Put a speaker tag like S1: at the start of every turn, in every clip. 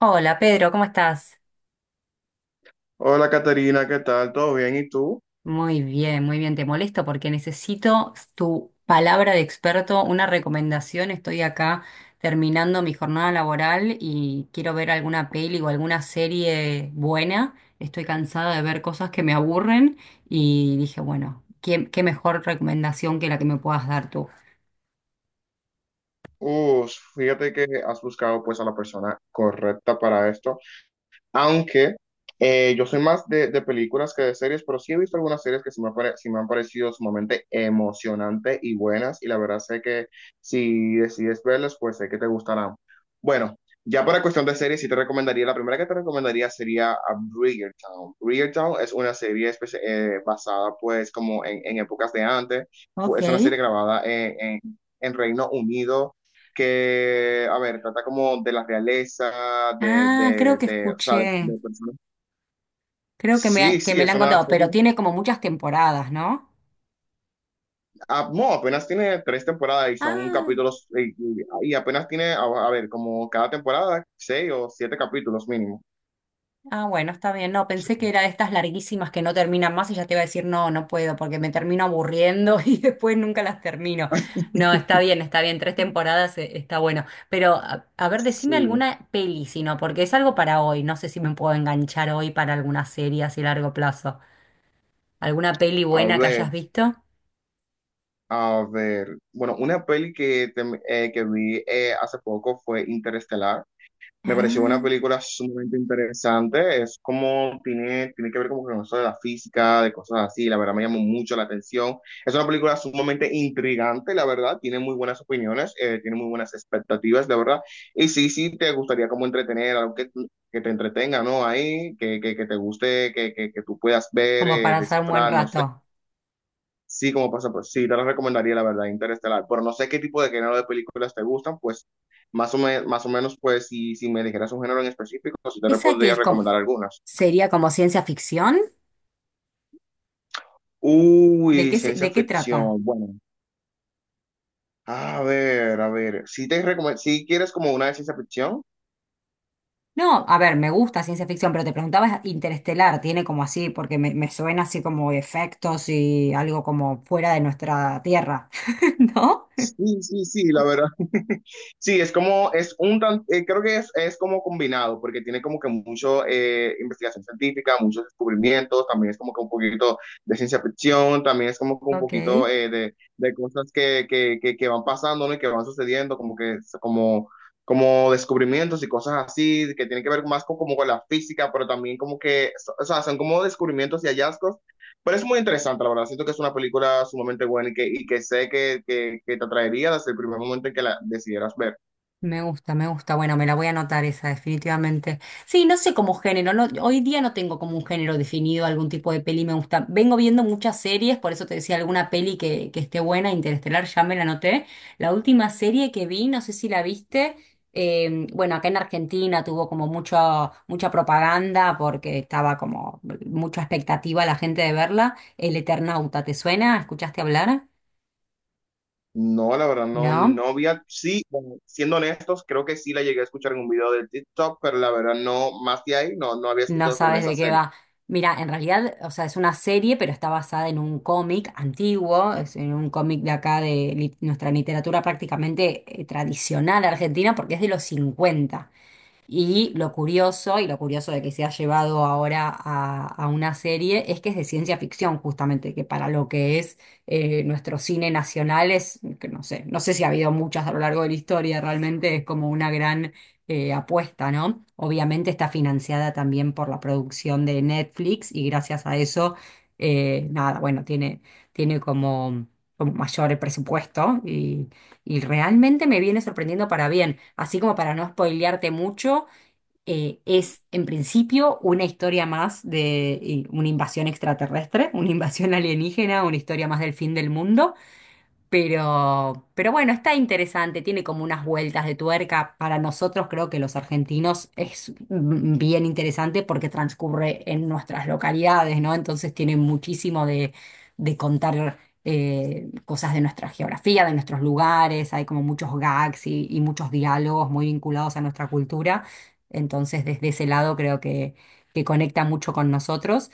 S1: Hola Pedro, ¿cómo estás?
S2: Hola Caterina, ¿qué tal? ¿Todo bien? ¿Y tú?
S1: Muy bien, muy bien. Te molesto porque necesito tu palabra de experto, una recomendación. Estoy acá terminando mi jornada laboral y quiero ver alguna peli o alguna serie buena. Estoy cansada de ver cosas que me aburren y dije, bueno, ¿qué mejor recomendación que la que me puedas dar tú?
S2: Uf, fíjate que has buscado pues a la persona correcta para esto. Aunque yo soy más de películas que de series, pero sí he visto algunas series que sí me han parecido sumamente emocionantes y buenas. Y la verdad sé que si decides verlas, pues sé que te gustarán. Bueno, ya para cuestión de series, sí te recomendaría, la primera que te recomendaría sería a Bridgerton. Bridgerton es una serie basada pues como en épocas de antes.
S1: Ok.
S2: Es una serie grabada en Reino Unido que, a ver, trata como de la realeza,
S1: Ah, creo que
S2: o sea, de,
S1: escuché,
S2: de personas.
S1: creo que
S2: Sí,
S1: que
S2: sí,
S1: me la
S2: es
S1: han
S2: una
S1: contado, pero
S2: serie.
S1: tiene como muchas temporadas, ¿no?
S2: Ah, no, apenas tiene tres temporadas y son
S1: Ah.
S2: capítulos, y apenas tiene, a ver, como cada temporada, seis o siete capítulos mínimo.
S1: Ah, bueno, está bien. No, pensé que era de estas larguísimas que no terminan más y ya te iba a decir, no, no puedo, porque me termino aburriendo y después nunca las termino. No, está bien, está bien. Tres temporadas está bueno. Pero, a ver,
S2: Sí.
S1: decime alguna peli, si no, porque es algo para hoy. No sé si me puedo enganchar hoy para alguna serie así a largo plazo. ¿Alguna peli
S2: A
S1: buena que
S2: ver,
S1: hayas visto?
S2: a ver. Bueno, una peli que vi hace poco fue Interestelar. Me pareció una
S1: Ah,
S2: película sumamente interesante. Es como tiene que ver como con eso de la física, de cosas así. La verdad me llamó mucho la atención. Es una película sumamente intrigante, la verdad. Tiene muy buenas opiniones, tiene muy buenas expectativas, la verdad. Y sí, sí, te gustaría como entretener, algo que te entretenga, ¿no? Ahí, que te guste, que tú puedas ver,
S1: como para hacer un buen
S2: descifrar, no sé.
S1: rato.
S2: Sí, como pasa, pues sí, te lo recomendaría, la verdad, Interestelar. Pero no sé qué tipo de género de películas te gustan, pues más o más o menos, pues si me dijeras un género en específico, sí
S1: ¿Esa que
S2: podría
S1: es como,
S2: recomendar algunas.
S1: sería como ciencia ficción? ¿De
S2: Uy,
S1: qué, se-
S2: ciencia
S1: De qué trata?
S2: ficción. Bueno, a ver, a ver. Si quieres como una de ciencia ficción.
S1: No, a ver, me gusta ciencia ficción, pero te preguntaba, Interestelar tiene como así, porque me suena así como efectos y algo como fuera de nuestra Tierra, ¿no?
S2: Sí, sí, sí, la verdad. Sí, es como, es un creo que es como combinado, porque tiene como que mucho investigación científica, muchos descubrimientos, también es como que un poquito de ciencia ficción, también es como que un
S1: Ok.
S2: poquito de cosas que van pasando, ¿no? Y que van sucediendo, como que, es como, como descubrimientos y cosas así, que tienen que ver más con, como con la física, pero también como que, o sea, son como descubrimientos y hallazgos, pero es muy interesante, la verdad. Siento que es una película sumamente buena y que sé que te atraería desde el primer momento en que la decidieras ver.
S1: Me gusta, me gusta. Bueno, me la voy a anotar esa, definitivamente. Sí, no sé como género. No, hoy día no tengo como un género definido, algún tipo de peli me gusta. Vengo viendo muchas series, por eso te decía alguna peli que esté buena. Interestelar, ya me la anoté. La última serie que vi, no sé si la viste, bueno, acá en Argentina tuvo como mucho, mucha propaganda porque estaba como mucha expectativa la gente de verla. El Eternauta, ¿te suena? ¿Escuchaste hablar?
S2: No, la verdad, no,
S1: ¿No?
S2: sí, bueno, siendo honestos, creo que sí la llegué a escuchar en un video de TikTok, pero la verdad no, más de ahí, no, no había
S1: No
S2: escuchado sobre
S1: sabes
S2: esa
S1: de qué
S2: serie.
S1: va. Mira, en realidad, o sea, es una serie, pero está basada en un cómic antiguo, es en un cómic de acá nuestra literatura prácticamente tradicional argentina, porque es de los cincuenta, y lo curioso de que se ha llevado ahora a una serie, es que es de ciencia ficción, justamente, que para lo que es nuestro cine nacional es, que no sé, no sé si ha habido muchas a lo largo de la historia, realmente es como una gran apuesta, ¿no? Obviamente está financiada también por la producción de Netflix y gracias a eso, nada, bueno, tiene, tiene como, como mayor presupuesto y realmente me viene sorprendiendo para bien, así como para no spoilearte mucho. Es en principio una historia más de una invasión extraterrestre, una invasión alienígena, una historia más del fin del mundo. Pero bueno, está interesante, tiene como unas vueltas de tuerca. Para nosotros, creo que los argentinos, es bien interesante porque transcurre en nuestras localidades, ¿no? Entonces tiene muchísimo de contar cosas de nuestra geografía, de nuestros lugares, hay como muchos gags y muchos diálogos muy vinculados a nuestra cultura. Entonces, desde ese lado creo que conecta mucho con nosotros.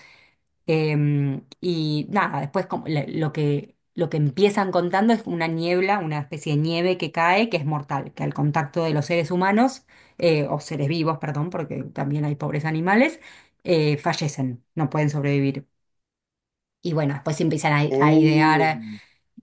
S1: Y nada, después lo que empiezan contando es una niebla, una especie de nieve que cae, que es mortal, que al contacto de los seres humanos, o seres vivos, perdón, porque también hay pobres animales, fallecen, no pueden sobrevivir. Y bueno, después empiezan a
S2: Uh,
S1: idear.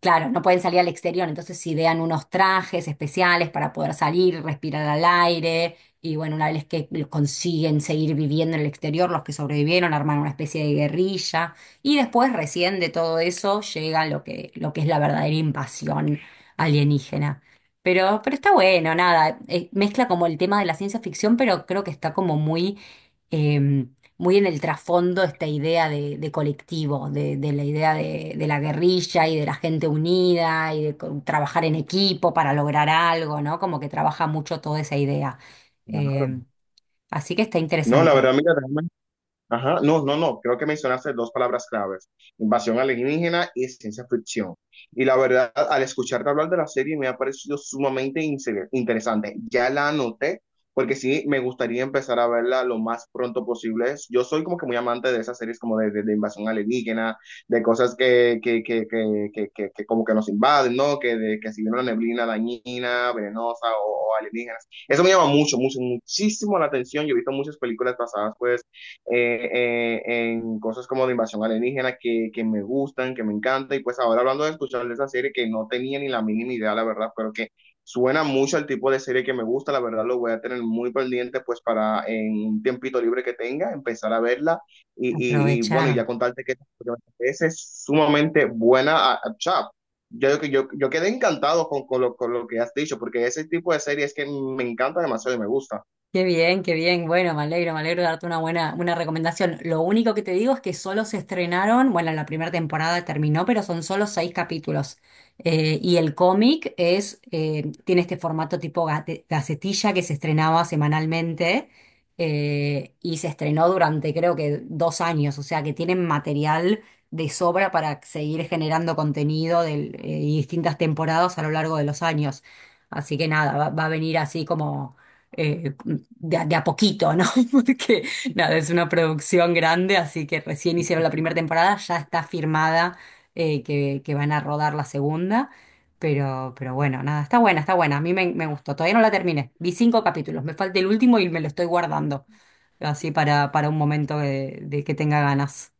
S1: Claro, no pueden salir al exterior, entonces idean unos trajes especiales para poder salir, respirar al aire, y bueno, una vez que lo consiguen seguir viviendo en el exterior, los que sobrevivieron arman una especie de guerrilla, y después recién de todo eso llega lo que es la verdadera invasión alienígena. Pero está bueno, nada, mezcla como el tema de la ciencia ficción, pero creo que está como muy... em, muy en el trasfondo esta idea de colectivo, de la idea de la guerrilla y de la gente unida y de trabajar en equipo para lograr algo, ¿no? Como que trabaja mucho toda esa idea. Eh,
S2: claro.
S1: Así que está
S2: No, la
S1: interesante
S2: verdad, mira, ajá, no, no, no, creo que mencionaste dos palabras claves, invasión alienígena y ciencia ficción. Y la verdad, al escucharte hablar de la serie me ha parecido sumamente interesante. Ya la anoté porque sí, me gustaría empezar a verla lo más pronto posible. Yo soy como que muy amante de esas series como de invasión alienígena, de cosas que como que nos invaden, ¿no? Que, de, que si viene una neblina dañina, venenosa o alienígenas. Eso me llama mucho, mucho, muchísimo la atención. Yo he visto muchas películas basadas pues en cosas como de invasión alienígena que me gustan, que me encanta. Y pues ahora hablando de escuchar de esa serie que no tenía ni la mínima idea, la verdad, pero que suena mucho al tipo de serie que me gusta, la verdad lo voy a tener muy pendiente pues para en un tiempito libre que tenga, empezar a verla y bueno, y ya
S1: aprovechar.
S2: contarte que esa es sumamente buena a Chap. Yo quedé encantado con lo que has dicho, porque ese tipo de series que me encanta demasiado y me gusta.
S1: Qué bien, qué bien. Bueno, me alegro de darte una buena, una recomendación. Lo único que te digo es que solo se estrenaron, bueno, la primera temporada terminó, pero son solo seis capítulos. Y el cómic es, tiene este formato tipo gacetilla que se estrenaba semanalmente, y se estrenó durante creo que dos años, o sea que tienen material de sobra para seguir generando contenido y distintas temporadas a lo largo de los años. Así que nada, va, va a venir así como eh, a de a poquito, ¿no? Porque nada, es una producción grande, así que recién hicieron la primera temporada, ya está firmada que van a rodar la segunda, pero bueno, nada, está buena, a mí me gustó, todavía no la terminé, vi cinco capítulos, me falta el último y me lo estoy guardando, así para un momento de que tenga ganas.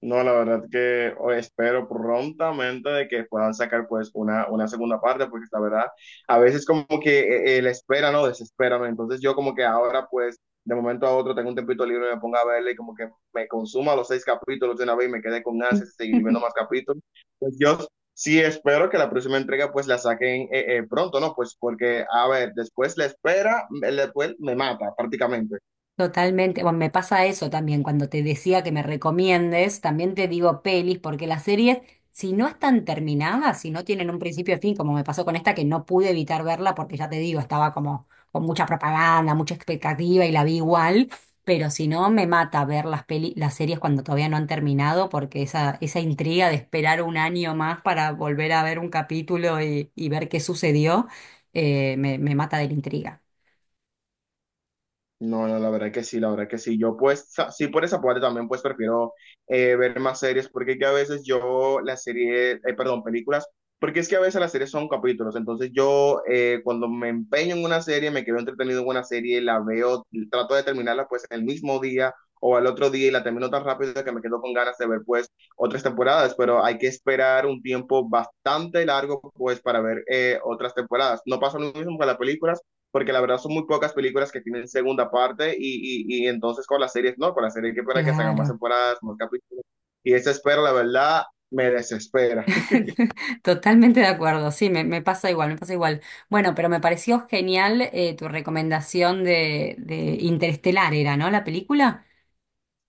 S2: No, la verdad que espero prontamente de que puedan sacar pues una segunda parte, porque la verdad, a veces como que la espera, ¿no? Desespera, ¿no? Entonces yo como que ahora pues de momento a otro tengo un tiempito libre y me pongo a verle y como que me consuma los seis capítulos de una vez y me quedé con ansias de seguir viendo más capítulos. Pues yo sí espero que la próxima entrega pues la saquen pronto, ¿no? Pues porque, a ver, después la espera, después me mata prácticamente.
S1: Totalmente, bueno, me pasa eso también, cuando te decía que me recomiendes, también te digo pelis, porque las series, si no están terminadas, si no tienen un principio y fin, como me pasó con esta, que no pude evitar verla, porque ya te digo, estaba como con mucha propaganda, mucha expectativa y la vi igual, pero si no, me mata ver las peli, las series cuando todavía no han terminado, porque esa intriga de esperar un año más para volver a ver un capítulo y ver qué sucedió, me mata de la intriga.
S2: No, no, la verdad que sí, la verdad que sí. Yo pues, sí, por esa parte también pues prefiero ver más series, porque es que a veces yo las series, perdón, películas, porque es que a veces las series son capítulos, entonces yo cuando me empeño en una serie, me quedo entretenido en una serie, la veo, trato de terminarla pues el mismo día o al otro día y la termino tan rápido que me quedo con ganas de ver pues otras temporadas, pero hay que esperar un tiempo bastante largo pues para ver otras temporadas. No pasa lo mismo con las películas porque la verdad son muy pocas películas que tienen segunda parte y, y entonces con las series, no, con las series hay que esperar que salgan más
S1: Claro.
S2: temporadas, más capítulos. Y esa espera, la verdad, me desespera.
S1: Totalmente de acuerdo, sí, me pasa igual, me pasa igual. Bueno, pero me pareció genial tu recomendación de Interestelar, era, ¿no? La película.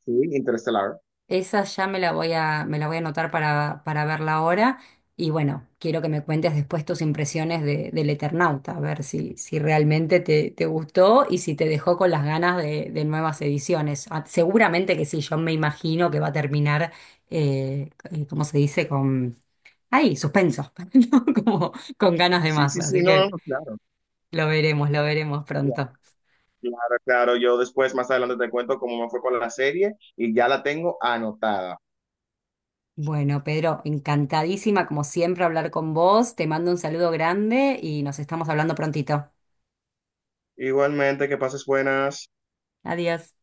S2: Sí, Interestelar.
S1: Esa ya me la voy a, me la voy a anotar para verla ahora. Y bueno, quiero que me cuentes después tus impresiones de, del Eternauta, a ver si, si realmente te gustó y si te dejó con las ganas de nuevas ediciones. Ah, seguramente que sí, yo me imagino que va a terminar, ¿cómo se dice? Ahí, suspenso, ¿no? Como con ganas de
S2: Sí,
S1: más,
S2: sí, sí,
S1: así
S2: no, no,
S1: que
S2: no, claro,
S1: lo veremos
S2: claro,
S1: pronto.
S2: claro, claro. Yo después, más adelante, te cuento cómo me fue con la serie y ya la tengo anotada.
S1: Bueno, Pedro, encantadísima como siempre hablar con vos, te mando un saludo grande y nos estamos hablando prontito.
S2: Igualmente, que pases buenas.
S1: Adiós.